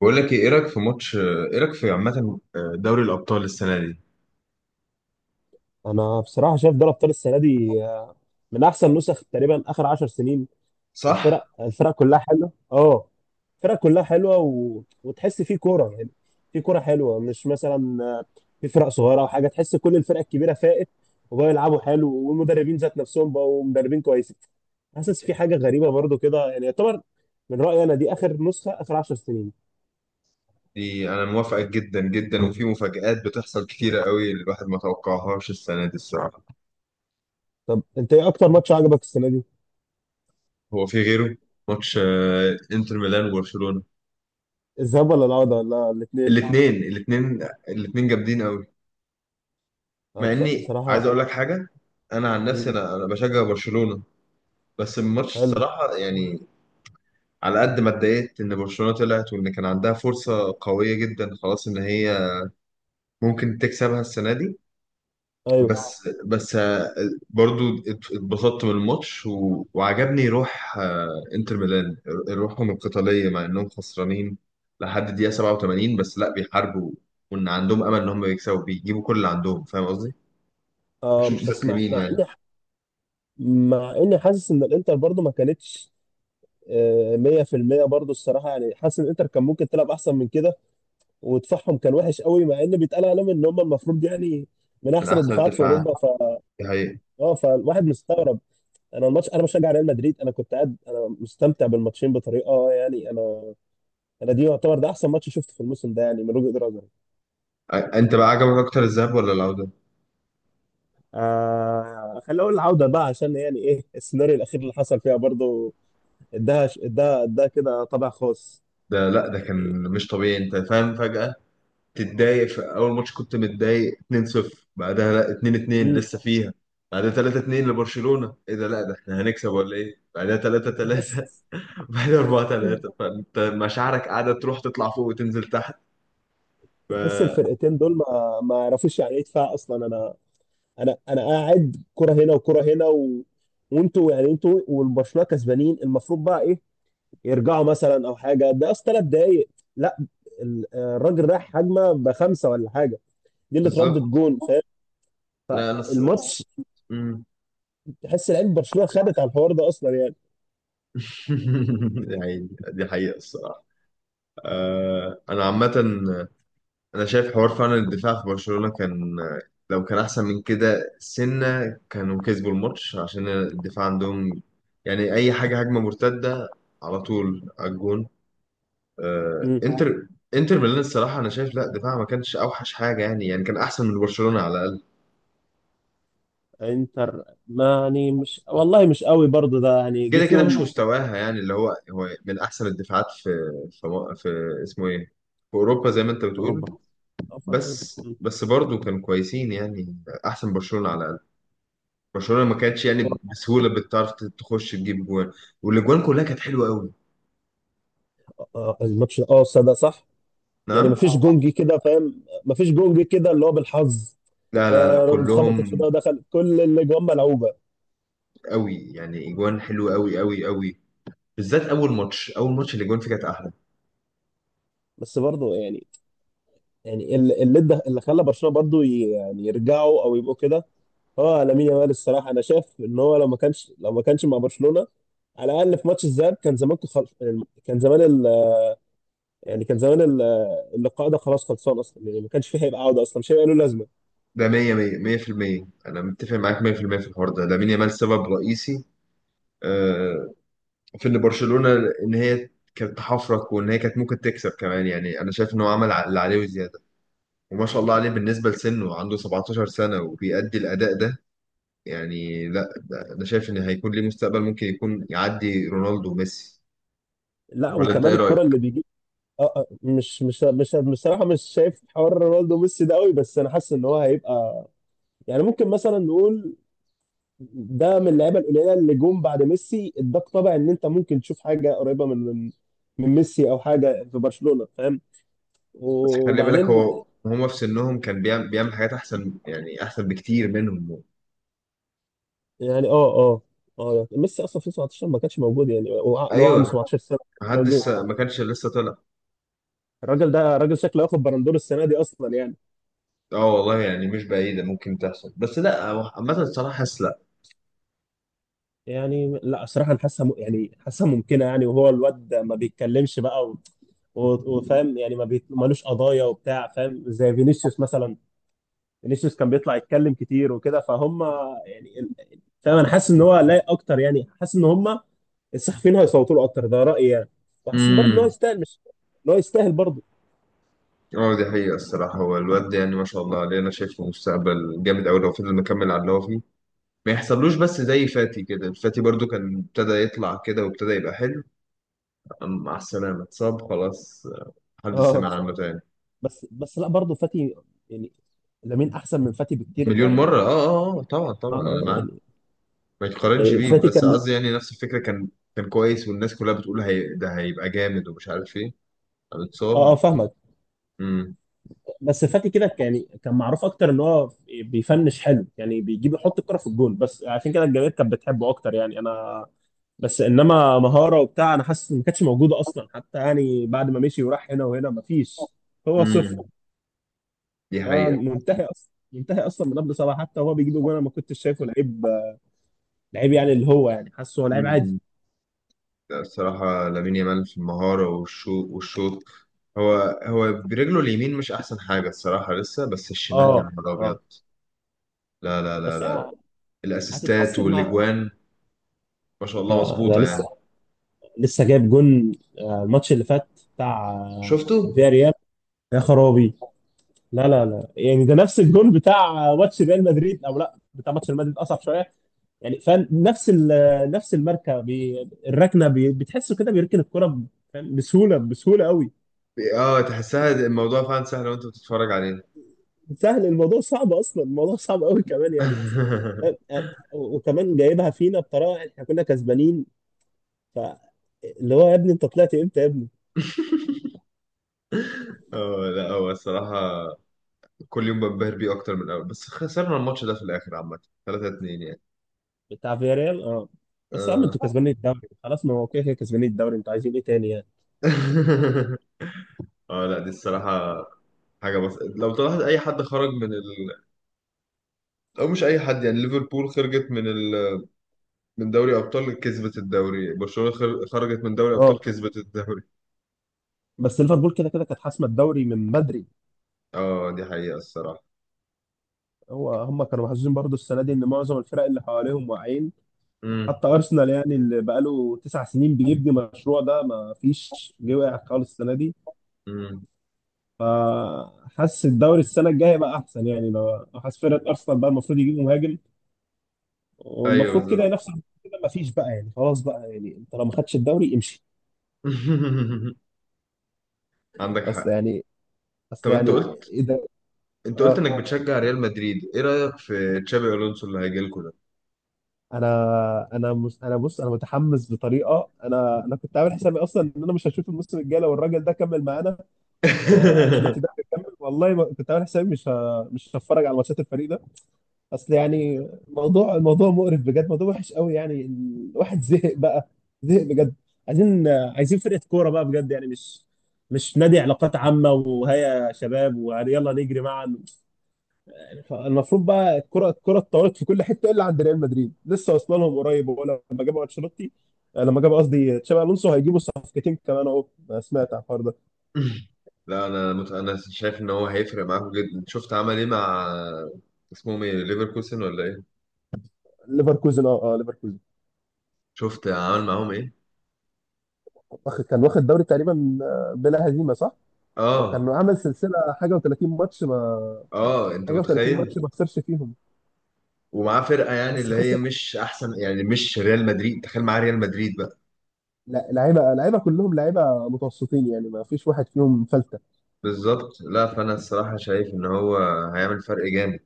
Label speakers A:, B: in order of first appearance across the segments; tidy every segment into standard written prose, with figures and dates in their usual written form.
A: بقول لك ايه، إيه رايك في عامه، دوري الابطال السنه دي.
B: انا بصراحه شايف دوري ابطال السنه دي، من احسن نسخ تقريبا اخر 10 سنين. الفرق
A: صح.
B: الفرق كلها حلوه، اه. الفرق كلها حلوه و... وتحس في كوره يعني، في كوره حلوه. مش مثلا في فرق صغيره او حاجه، تحس كل الفرق الكبيره فائت، وبقوا يلعبوا حلو، والمدربين ذات نفسهم بقوا مدربين كويسين. حاسس في حاجه غريبه برضو كده، يعني يعتبر من رايي انا دي اخر نسخه، اخر 10 سنين.
A: دي انا موافقك جدا جدا، وفي مفاجآت بتحصل كتيره قوي الواحد ما توقعهاش السنه دي الصراحه.
B: طب انت ايه اكتر ماتش عجبك السنه دي؟
A: هو في غيره؟ ماتش انتر ميلان وبرشلونه.
B: الذهاب ولا العوده ولا الاثنين؟
A: الاثنين، جامدين قوي. مع اني
B: بصراحه.
A: عايز اقول لك حاجه. انا عن نفسي،
B: مم.
A: انا بشجع برشلونه. بس الماتش
B: حلو.
A: الصراحه يعني، على قد ما اتضايقت ان برشلونه طلعت، وان كان عندها فرصه قويه جدا خلاص ان هي ممكن تكسبها السنه دي.
B: ايوه.
A: بس برضو اتبسطت من الماتش، و... وعجبني روح انتر ميلان. روحهم القتالية مع انهم خسرانين لحد الدقيقة 87، بس لا بيحاربوا، وان عندهم امل ان هم يكسبوا بيجيبوا كل اللي عندهم. فاهم قصدي؟ مش
B: بس، مع
A: مستسلمين
B: مع
A: يعني.
B: اني مع اني حاسس ان الانتر برضو ما كانتش 100% برضو الصراحه، يعني حاسس ان الانتر كان ممكن تلعب احسن من كده، ودفاعهم كان وحش قوي، مع ان بيتقال عليهم ان هم المفروض يعني من
A: من
B: احسن
A: احسن
B: الدفاعات في
A: الدفاعات.
B: اوروبا، ف
A: دي حقيقة.
B: اه فالواحد مستغرب. انا الماتش، انا بشجع ريال مدريد، انا كنت قاعد انا مستمتع بالماتشين بطريقه، يعني انا دي يعتبر ده احسن ماتش شفته في الموسم ده، يعني من وجهه نظري.
A: انت بقى عجبك اكتر الذهاب ولا العودة؟
B: خلينا اقول العوده بقى، عشان يعني ايه السيناريو الاخير اللي حصل فيها برضو، اداها كده طابع خاص
A: ده لا ده كان
B: يعني.
A: مش طبيعي، انت فاهم. فجأة تتضايق في اول ماتش كنت متضايق 2-0، بعدها لا 2-2
B: مم.
A: لسه فيها، بعدها 3-2 لبرشلونة، ايه ده لا ده احنا هنكسب ولا ايه، بعدها
B: تحس
A: 3-3، بعدها 4-3. فانت مشاعرك قاعدة تروح تطلع فوق وتنزل تحت. ف...
B: تحس الفرقتين دول ما يعرفوش يعني ايه دفاع اصلا. انا انا قاعد كرة هنا وكرة هنا، و... وانتوا يعني، انتوا والبرشلونه كسبانين، المفروض بقى ايه، يرجعوا مثلا او حاجه؟ ده اصلا 3 دقايق. لا، الراجل رايح هجمه بخمسه ولا حاجه، دي اللي
A: بالظبط.
B: اتردت جون، فاهم؟
A: لا انا
B: الماتش،
A: مم.
B: تحس لعيبه برشلونه خدت على الحوار ده اصلا يعني.
A: يعني، دي حقيقة الصراحة. انا عامة انا شايف حوار فعلا الدفاع في برشلونة كان، لو كان احسن من كده سنة كانوا كسبوا الماتش، عشان الدفاع عندهم يعني اي حاجة هجمة مرتدة على طول على الجون. آه
B: مم.
A: انتر انتر ميلان الصراحة انا شايف لا، دفاعها ما كانش اوحش حاجة يعني، يعني كان احسن من برشلونة على الاقل.
B: انتر ما يعني، مش والله، مش قوي برضه ده يعني، جه
A: كده كده مش
B: فيهم.
A: مستواها، يعني اللي هو من احسن الدفاعات في في, في اسمه ايه في اوروبا زي ما انت
B: في
A: بتقول.
B: اوروبا. اه فترة.
A: بس برضو كانوا كويسين يعني، احسن برشلونة على الاقل. برشلونه ما كانتش يعني بسهوله بتعرف تخش تجيب جوان، والاجوان كلها كانت حلوه قوي.
B: الماتش، اه صدق، صح. يعني
A: نعم.
B: مفيش جونجي كده، فاهم؟ مفيش جونجي كده اللي هو بالحظ.
A: لا، لا، لا،
B: خبطت في
A: كلهم
B: ده ودخل، كل الاجوان ملعوبه.
A: قوي يعني، اجوان حلوه قوي قوي قوي، بالذات اول ماتش، اول ماتش الاجوان فيه كانت احلى.
B: بس برضه يعني، يعني اللي ده اللي خلى برشلونه برضه يعني يرجعوا او يبقوا كده، هو لامين يامال. الصراحه انا شايف ان هو، لو ما كانش مع برشلونه، على الاقل في ماتش الذهاب، كان زمان يعني كان زمان يعني كان زمان اللقاء ده خلاص خلصان اصلا يعني، ما كانش فيه هيبقى عوده اصلا، مش هيبقى له لازمه.
A: ده 100 100 100%، انا متفق معاك 100% في المية في الحوار ده. لامين يامال سبب رئيسي آه، في ان برشلونه، ان هي كانت تحفرك، وان هي كانت ممكن تكسب كمان. يعني انا شايف ان هو عمل اللي عليه وزياده، وما شاء الله عليه بالنسبه لسنه عنده 17 سنه وبيأدي الاداء ده. يعني لا انا شايف ان هيكون ليه مستقبل، ممكن يكون يعدي رونالدو وميسي.
B: لا،
A: ولا انت
B: وكمان
A: ايه رايك؟
B: الكره اللي بيجيب. اه، مش بصراحه، مش شايف حوار رونالدو وميسي ده قوي، بس انا حاسس ان هو هيبقى يعني، ممكن مثلا نقول ده من اللعيبه القليله اللي جم بعد ميسي، اداك طبع ان انت ممكن تشوف حاجه قريبه من، من ميسي او حاجه في برشلونه، فاهم؟
A: بس خلي بالك
B: وبعدين،
A: هو، هما في سنهم كان بيعمل حاجات احسن يعني، احسن بكتير منهم.
B: يعني اه ميسي اصلا في 17 ما كانش موجود، يعني اللي هو عنده
A: ايوه.
B: 17 سنه ما كانش موجود.
A: محدش، ما كانش لسه طلع.
B: الراجل ده راجل شكله ياخد بالندور السنه دي اصلا يعني.
A: اه والله يعني مش بعيده ممكن تحصل، بس لا هو عامه الصراحه حاسس لا.
B: يعني لا، صراحه انا حاسسها، يعني حاسسها ممكنه يعني، وهو الواد ما بيتكلمش بقى، و- وفاهم يعني، ما بيت- مالوش قضايا وبتاع، فاهم؟ زي فينيسيوس مثلا، فينيسيوس كان بيطلع يتكلم كتير وكده، فهم يعني. فاهم انا حاسس ان هو لايق اكتر، يعني حاسس ان هم الصحفيين هيصوتوا له اكتر، ده رايي يعني. وحاسس برضه ان هو
A: امم.
B: يستاهل، مش، ان هو يستاهل برضه.
A: اه دي حقيقه الصراحه، هو الواد ده يعني ما شاء الله عليه، انا شايفه مستقبل جامد قوي لو فضل مكمل على اللي هو فيه، ما يحصلوش بس زي فاتي كده. فاتي برضو كان ابتدى يطلع كده وابتدى يبقى حلو، مع السلامة اتصاب خلاص، محدش
B: اه،
A: سمع عنه تاني.
B: بس لا برضه، فاتي يعني، لامين احسن من فاتي بكتير
A: مليون
B: يعني.
A: مرة، اه اه، طبعا طبعا انا
B: اه
A: معاك،
B: يعني
A: ما يتقارنش
B: يعني
A: بيه،
B: فاتي
A: بس
B: كان.
A: قصدي يعني نفس الفكرة، كان كان كويس والناس كلها بتقول هي ده هيبقى جامد ومش عارف ايه، قام
B: اه،
A: اتصاب.
B: فاهمك.
A: امم
B: بس فاتي كده، يعني كان معروف اكتر ان هو بيفنش حلو، يعني بيجيب يحط الكرة في الجون، بس عشان كده الجماهير كانت بتحبه اكتر يعني انا. بس انما مهارة وبتاع، انا حاسس إن ما كانتش موجودة اصلا حتى، يعني بعد ما مشي وراح هنا وهنا ما فيش، هو صفر.
A: امم دي
B: هو
A: حقيقة.
B: منتهي اصلا، منتهي اصلا من قبل صلاح، حتى هو بيجيب جون انا ما كنتش شايفه لعيب، لعيب يعني اللي هو يعني حاسه هو لعيب عادي.
A: امم لا، الصراحة لامين يامال في المهارة والشو والشوط. هو هو برجله اليمين مش احسن حاجة الصراحة لسه، بس الشمال يا
B: اه،
A: نهار ابيض.
B: اه،
A: لا، لا، لا،
B: بس
A: لا،
B: هي
A: الاسيستات
B: هتتحسن مع
A: والاجوان ما شاء
B: انت.
A: الله
B: ده
A: مظبوطة يعني.
B: لسه، لسه جايب جون، الماتش اللي فات، بتاع
A: شفتوا؟
B: فياريال. يا خرابي. لا لا لا، يعني ده نفس الجون بتاع ماتش ريال مدريد، او لا بتاع ماتش ريال مدريد اصعب شويه يعني، فاهم؟ نفس الماركه. بي الركنه بي بتحسه كده، بيركن الكره فاهم؟ بسهوله، بسهوله قوي.
A: اه تحسها الموضوع فعلا سهل وانت بتتفرج عليه.
B: سهل الموضوع؟ صعب اصلا، الموضوع صعب قوي كمان يعني، فاهم؟ و- وكمان جايبها فينا بطريقه احنا كنا كسبانين، ف اللي هو يا ابني انت طلعت امتى يا ابني؟
A: اه لا هو الصراحة كل يوم بنبهر بيه أكتر من الأول، بس خسرنا الماتش ده في الآخر عامة، 3-2 يعني.
B: بتاع فياريال، اه. بس يا عم، انتوا
A: اه.
B: كسبانين الدوري خلاص، ما هو كده كده كسبانين الدوري، انتوا عايزين ايه تاني يعني؟
A: اه لا دي الصراحة حاجة، بس لو طلعت أي حد خرج من أو مش أي حد، يعني ليفربول خرجت من من دوري أبطال كسبت الدوري، برشلونة خرجت من دوري أبطال
B: اه،
A: كسبت الدوري.
B: بس ليفربول كده كده كانت حاسمه الدوري من بدري.
A: اه دي حقيقة الصراحة.
B: هو هم كانوا محظوظين برضو السنه دي، ان معظم الفرق اللي حواليهم واقعين،
A: امم.
B: حتى ارسنال يعني اللي بقاله 9 سنين بيبني مشروع ده، ما فيش جه واقع خالص السنه دي.
A: امم.
B: فحاسس الدوري السنه الجايه بقى احسن يعني، لو حاسس فرقه ارسنال بقى المفروض يجيبوا مهاجم،
A: أيوه
B: والمفروض كده
A: بالظبط.
B: ينافس على كده، ما فيش بقى يعني، خلاص بقى يعني، انت لو ما خدش الدوري، امشي.
A: عندك
B: اصل
A: حق.
B: يعني، اصل
A: طب أنت
B: يعني
A: قلت
B: ايه ده.
A: انت قلت
B: اه،
A: انك بتشجع ريال مدريد. ايه رايك في تشابي الونسو اللي هيجي لكم ده؟
B: انا انا انا بص، انا متحمس بطريقه، انا كنت عامل حسابي اصلا، ان انا مش هشوف الموسم الجاي لو الراجل ده كمل معانا. انشيلوتي ده هيكمل والله، ما كنت عامل حسابي مش هتفرج على ماتشات الفريق ده. اصل يعني، الموضوع مقرف بجد، موضوع وحش قوي يعني، الواحد زهق بقى، زهق بجد. عايزين فرقة كورة بقى بجد، يعني مش نادي علاقات عامة، وهيا يا شباب ويلا نجري معا يعني. المفروض بقى، الكرة اتطورت في كل حتة، الا عند ريال مدريد، لسه واصله لهم قريب. هو لما جابوا انشيلوتي، لما جابوا قصدي تشابي الونسو، هيجيبوا صفقتين كمان اهو. سمعت عن الحوار ده.
A: لا انا انا شايف ان هو هيفرق معاكم جدا. شفت عمل ايه مع، اسمهم ايه، ليفركوسن ولا ايه؟
B: ليفركوزن، اه اه، ليفركوزن.
A: شفت عمل معاهم ايه؟
B: كان واخد دوري تقريبا بلا هزيمه، صح؟
A: اه
B: وكان عامل سلسله، حاجه و30 ماتش ما
A: اه. انت
B: حاجه و30 ماتش
A: متخيل؟
B: ما خسرش فيهم.
A: ومعاه فرقه يعني
B: بس
A: اللي هي
B: خسر.
A: مش احسن، يعني مش ريال مدريد، تخيل معاه ريال مدريد بقى.
B: لا، لعيبه كلهم لعيبه متوسطين يعني، ما فيش واحد فيهم فلته.
A: بالظبط. لا فانا الصراحه شايف ان هو هيعمل فرق جامد.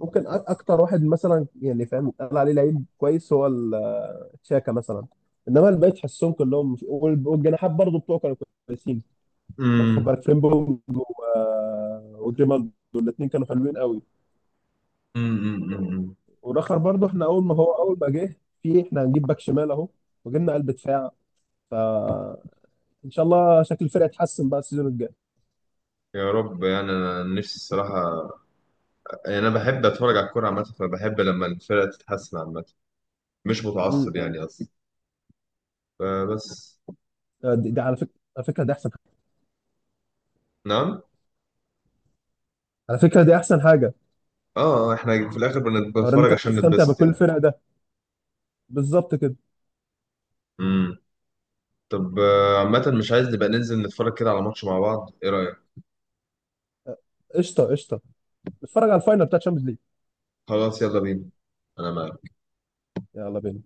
B: ممكن اكتر واحد، مثلا يعني فاهم قال عليه لعيب كويس، هو تشاكا مثلا، انما الباقي تحسهم كلهم، والجناحات برضه بتوعه كانوا كويسين. لا، تاخد
A: امم
B: بالك فريمبونج و- آه، وجريمالدو، الاثنين كانوا حلوين قوي.
A: أمم.
B: ورخر برضه، احنا اول ما هو، اول ما جه، في احنا هنجيب باك شمال اهو، وجبنا قلب دفاع، فان شاء الله شكل الفرقه يتحسن بقى السيزون الجاي.
A: يا رب، يعني انا نفسي الصراحه، يعني انا بحب اتفرج على الكوره عامه، فبحب لما الفرقه تتحسن عامه، مش متعصب
B: امم.
A: يعني قصدي، فبس.
B: دي على فكره، على فكره دي احسن،
A: نعم.
B: على فكره دي احسن حاجه.
A: اه، احنا في الاخر
B: حوار ان
A: بنتفرج
B: انت
A: عشان
B: تستمتع
A: نتبسط
B: بكل
A: يعني.
B: الفرق ده، بالظبط كده.
A: امم طب عامه مش عايز نبقى ننزل نتفرج كده على ماتش مع بعض، ايه رايك؟
B: قشطه قشطه، نتفرج على الفاينل بتاع تشامبيونز ليج.
A: خلاص يلا بينا، انا معاك.
B: يلا بينا.